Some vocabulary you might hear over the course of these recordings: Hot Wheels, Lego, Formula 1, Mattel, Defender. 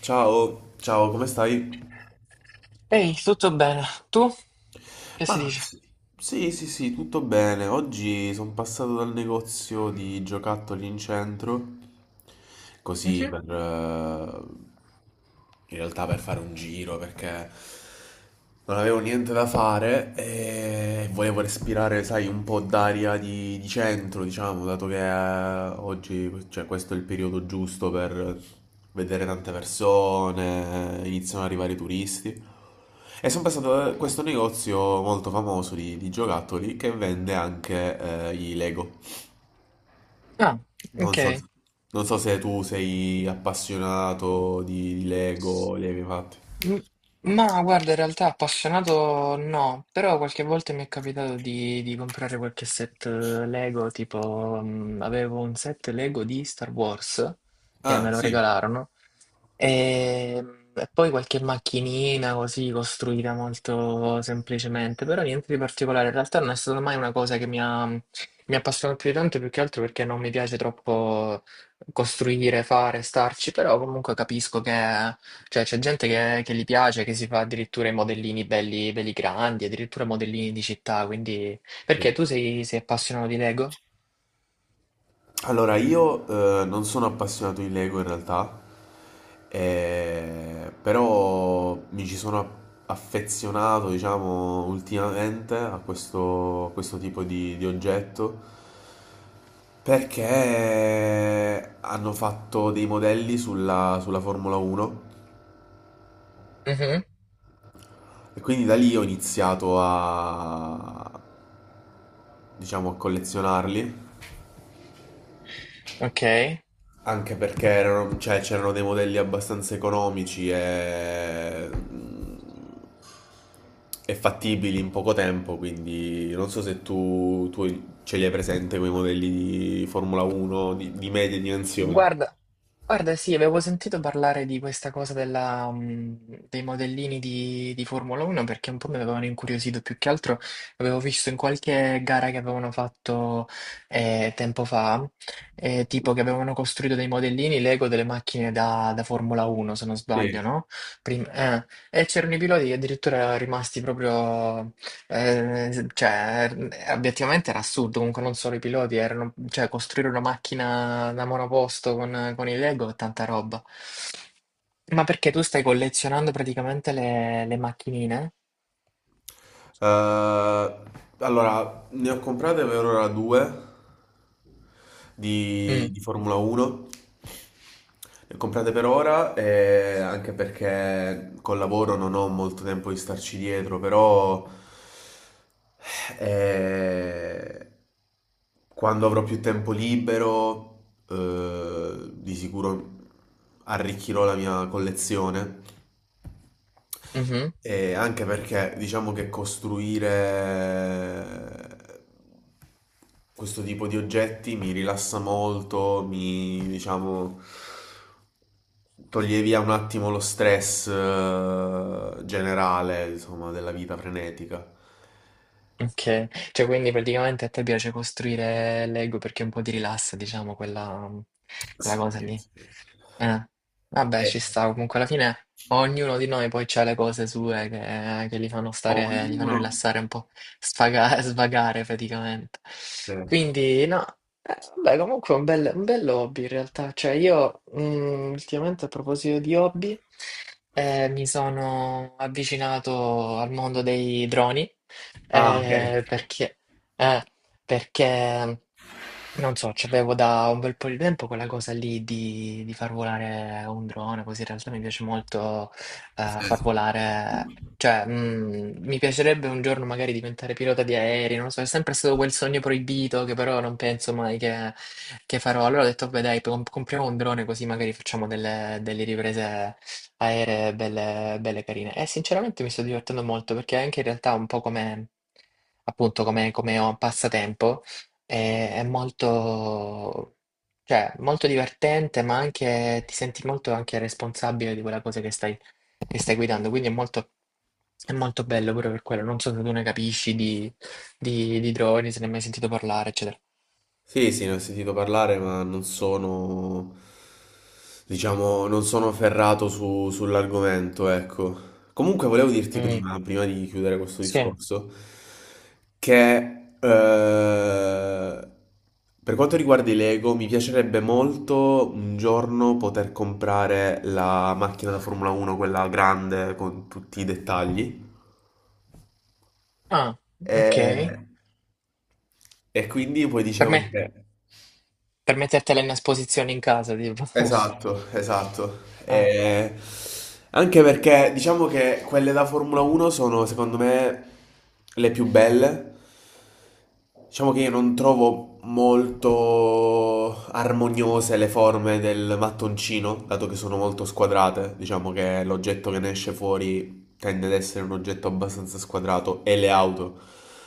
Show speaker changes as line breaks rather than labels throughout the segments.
Ciao, ciao, come stai?
Ehi, tutto bene? Tu? Che si
Ma
dice?
sì, sì, tutto bene. Oggi sono passato dal negozio di giocattoli in centro, così
Mhm.
per, in realtà per fare un giro perché non avevo niente da fare e volevo respirare, sai, un po' d'aria di centro, diciamo, dato che oggi, cioè, questo è il periodo giusto per vedere tante persone, iniziano ad arrivare i turisti. E sono passato da questo negozio molto famoso di giocattoli che vende anche i Lego.
Ah,
Non
ok.
so, non so se tu sei appassionato di Lego, li hai mai fatti.
M- Ma guarda, in realtà appassionato no, però qualche volta mi è capitato di comprare qualche set Lego, tipo avevo un set Lego di Star Wars che
Ah,
me lo
sì.
regalarono e, e poi qualche macchinina così costruita molto semplicemente, però niente di particolare, in realtà non è stata mai una cosa che mi ha appassionato più di tanto, più che altro perché non mi piace troppo costruire, fare, starci, però comunque capisco che cioè, c'è gente che gli piace, che si fa addirittura i modellini belli, belli grandi, addirittura modellini di città, quindi...
Sì.
Perché tu sei appassionato di Lego?
Allora, io non sono appassionato di Lego in realtà, però mi ci sono a- affezionato, diciamo, ultimamente a questo tipo di oggetto perché hanno fatto dei modelli sulla, sulla Formula 1,
Mhm.
e quindi da lì ho iniziato a, diciamo, a collezionarli.
Ok.
Anche perché erano, cioè, c'erano dei modelli abbastanza economici e fattibili in poco tempo, quindi non so se tu ce li hai presente quei modelli di Formula 1 di medie dimensioni.
Guarda, guarda, sì, avevo sentito parlare di questa cosa dei modellini di Formula 1 perché un po' mi avevano incuriosito, più che altro avevo visto in qualche gara che avevano fatto tempo fa, tipo che avevano costruito dei modellini Lego delle macchine da Formula 1, se non
Sì.
sbaglio, no? E c'erano i piloti che addirittura erano rimasti proprio obiettivamente era assurdo, comunque non solo i piloti, cioè, costruire una macchina da monoposto con i Lego è tanta roba. Ma perché tu stai collezionando praticamente le macchinine?
Allora, ne ho comprate per ora due
Mm,
di Formula 1. Ne ho comprate per ora, anche perché col lavoro non ho molto tempo di starci dietro, però eh, quando avrò più tempo libero, di sicuro arricchirò la mia collezione,
mhm.
e anche perché diciamo che costruire eh, questo tipo di oggetti mi rilassa molto, mi diciamo toglie via un attimo lo stress generale, insomma, della vita frenetica.
Okay. Cioè, quindi praticamente a te piace costruire Lego perché un po' ti rilassa, diciamo, quella
Sì,
cosa lì.
sì.
Eh. Vabbè,
E
ci sta. Comunque alla fine ognuno di noi poi c'ha le cose sue che li fanno
ognuno...
rilassare un po', sfaga svagare praticamente.
Sì.
Quindi no, vabbè comunque è un bell'hobby in realtà. Cioè io, ultimamente a proposito di hobby, mi sono avvicinato al mondo dei droni.
Ah, ok.
Eh, perché, eh, perché, non so, c'avevo da un bel po' di tempo quella cosa lì di far volare un drone, così in realtà mi piace molto
Sì.
far volare, cioè mi piacerebbe un giorno magari diventare pilota di aerei, non lo so, è sempre stato quel sogno proibito che però non penso mai che, farò. Allora ho detto, beh dai, compriamo un drone così magari facciamo delle riprese aeree belle, belle carine. E sinceramente mi sto divertendo molto perché anche in realtà un po' come, appunto, come ho un passatempo. È molto, cioè, molto divertente, ma anche ti senti molto anche responsabile di quella cosa che stai guidando. Quindi è molto bello pure per quello. Non so se tu ne capisci di droni, se ne hai mai sentito parlare, eccetera.
Sì, sì, ne ho sentito parlare, ma non sono, diciamo, non sono ferrato sull'argomento, ecco. Comunque volevo dirti
Mm.
prima, prima di chiudere questo
Sì.
discorso, che eh, per quanto riguarda i Lego, mi piacerebbe molto un giorno poter comprare la macchina da Formula 1, quella grande con tutti i dettagli.
Ah, ok.
E, e quindi poi
Per
dicevo
me,
che...
per mettertela in esposizione in casa, tipo.
Esatto, esatto.
Ah.
E anche perché diciamo che quelle da Formula 1 sono secondo me le più belle. Diciamo che io non trovo molto armoniose le forme del mattoncino, dato che sono molto squadrate. Diciamo che l'oggetto che ne esce fuori tende ad essere un oggetto abbastanza squadrato e le auto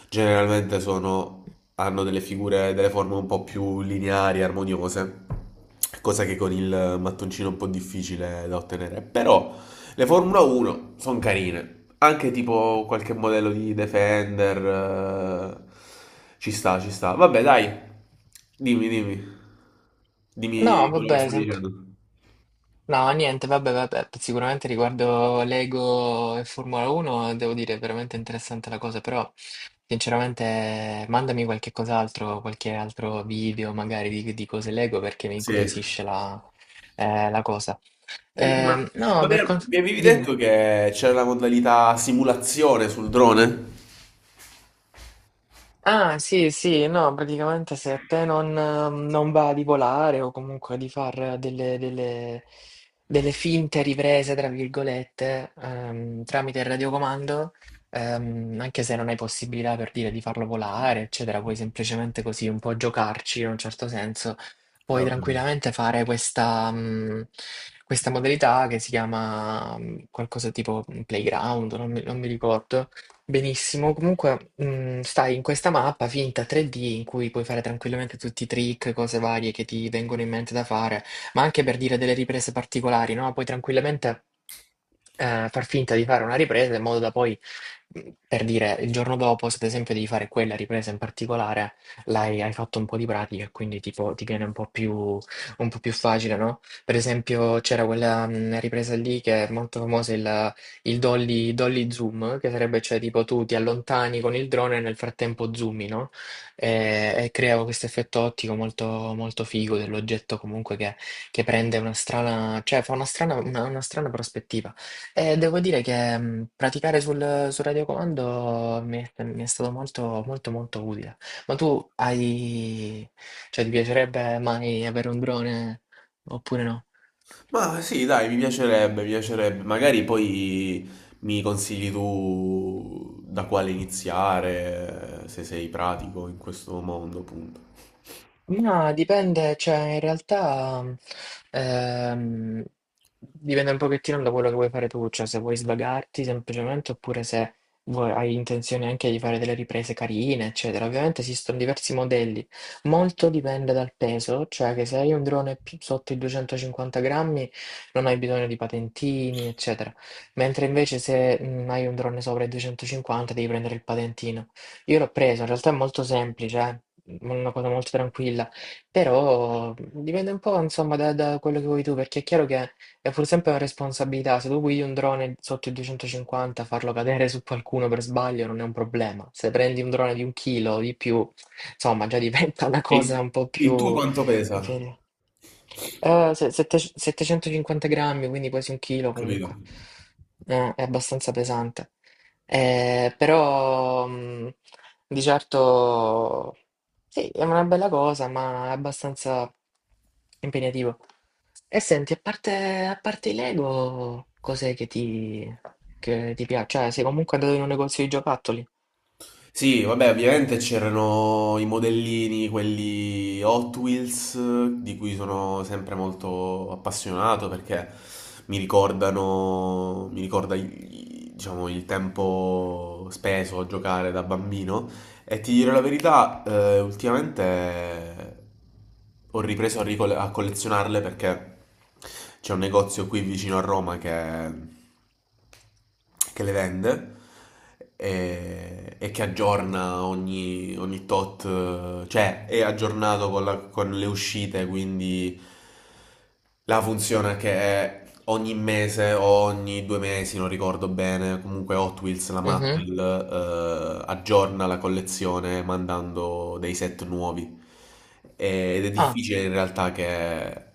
generalmente sono, hanno delle figure, delle forme un po' più lineari, armoniose, cosa che con il mattoncino è un po' difficile da ottenere. Però le Formula 1 sono carine, anche tipo qualche modello di Defender, ci sta, ci sta. Vabbè, dai, dimmi, dimmi,
No,
dimmi quello che
vabbè,
stavi
sempre.
dicendo.
No, niente, vabbè, vabbè, sicuramente riguardo Lego e Formula 1 devo dire è veramente interessante la cosa, però sinceramente mandami qualche cos'altro, qualche altro video magari di cose Lego perché mi
Sì.
incuriosisce la cosa.
Senti, ma
No, per quanto...
mi avevi
Dimmi.
detto che c'era la modalità simulazione sul drone?
Ah, sì, sì, no, praticamente se a te non va di volare o comunque di fare delle finte riprese, tra virgolette, tramite il radiocomando, anche se non hai possibilità per dire di farlo volare, eccetera, puoi semplicemente così un po' giocarci in un certo senso, puoi
Ho capito.
tranquillamente fare questa modalità che si chiama, qualcosa tipo playground, non mi ricordo. Benissimo, comunque stai in questa mappa finta 3D in cui puoi fare tranquillamente tutti i trick, cose varie che ti vengono in mente da fare, ma anche per dire delle riprese particolari, no? Puoi tranquillamente far finta di fare una ripresa in modo da poi, per dire, il giorno dopo, se ad esempio devi fare quella ripresa in particolare, hai fatto un po' di pratica e quindi tipo, ti viene un po' più facile, no? Per esempio c'era quella ripresa lì che è molto famosa, il dolly zoom, che sarebbe cioè tipo tu ti allontani con il drone e nel frattempo zoomi, no? E crea questo effetto ottico molto, molto figo dell'oggetto comunque che prende una strana, cioè fa una strana, una strana prospettiva. E devo dire che praticare sul radiocomando mi è stato molto, molto, molto utile. Ma tu hai, cioè ti piacerebbe mai avere un drone oppure no?
Ma sì, dai, mi piacerebbe, mi piacerebbe. Magari poi mi consigli tu da quale iniziare, se sei pratico in questo mondo, appunto.
Ma dipende, cioè in realtà ehm, dipende un pochettino da quello che vuoi fare tu, cioè se vuoi svagarti semplicemente oppure se hai intenzione anche di fare delle riprese carine, eccetera. Ovviamente esistono diversi modelli, molto dipende dal peso, cioè che se hai un drone più sotto i 250 grammi non hai bisogno di patentini, eccetera. Mentre invece se hai un drone sopra i 250 devi prendere il patentino. Io l'ho preso, in realtà è molto semplice, una cosa molto tranquilla, però dipende un po', insomma, da quello che vuoi tu, perché è chiaro che è pur sempre una responsabilità. Se tu guidi un drone sotto i 250, farlo cadere su qualcuno per sbaglio non è un problema. Se prendi un drone di un chilo o di più, insomma, già diventa una
E
cosa un po'
il tuo
più...
quanto pesa?
inferiore. 750 grammi, quindi quasi un chilo
Capito?
comunque. È abbastanza pesante. Però di certo sì, è una bella cosa, ma è abbastanza impegnativo. E senti, a parte i Lego, cos'è che ti, piace? Cioè, sei comunque andato in un negozio di giocattoli?
Sì, vabbè, ovviamente c'erano i modellini, quelli Hot Wheels, di cui sono sempre molto appassionato perché mi ricordano, mi ricorda, diciamo, il tempo speso a giocare da bambino. E ti dirò la verità, ultimamente ho ripreso a, a collezionarle perché c'è un negozio qui vicino a Roma che le vende e che aggiorna ogni, ogni tot, cioè è aggiornato con le uscite, quindi la funzione che è ogni mese o ogni due mesi, non ricordo bene, comunque Hot Wheels, la
Mhm.
Mattel, aggiorna la collezione mandando dei set nuovi. Ed è
Ah.
difficile in realtà che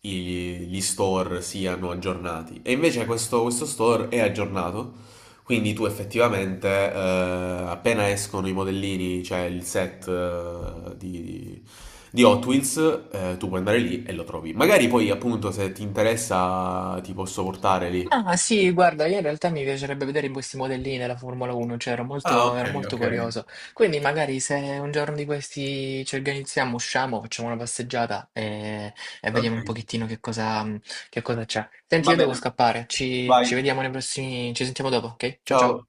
gli store siano aggiornati. E invece questo, questo store è aggiornato, quindi tu effettivamente, appena escono i modellini, cioè il set di Hot Wheels, tu puoi andare lì e lo trovi. Magari poi, appunto, se ti interessa, ti posso portare lì.
Ah sì, guarda, io in realtà mi piacerebbe vedere questi modellini della Formula 1, cioè ero
Ah,
molto,
ok,
ero molto
ok.
curioso. Quindi magari se un giorno di questi ci organizziamo, usciamo, facciamo una passeggiata e
Ok,
vediamo un pochettino che cosa c'è. Senti,
va
io devo
bene.
scappare, ci,
Vai.
ci vediamo nei prossimi, ci sentiamo dopo, ok? Ciao ciao.
Ciao.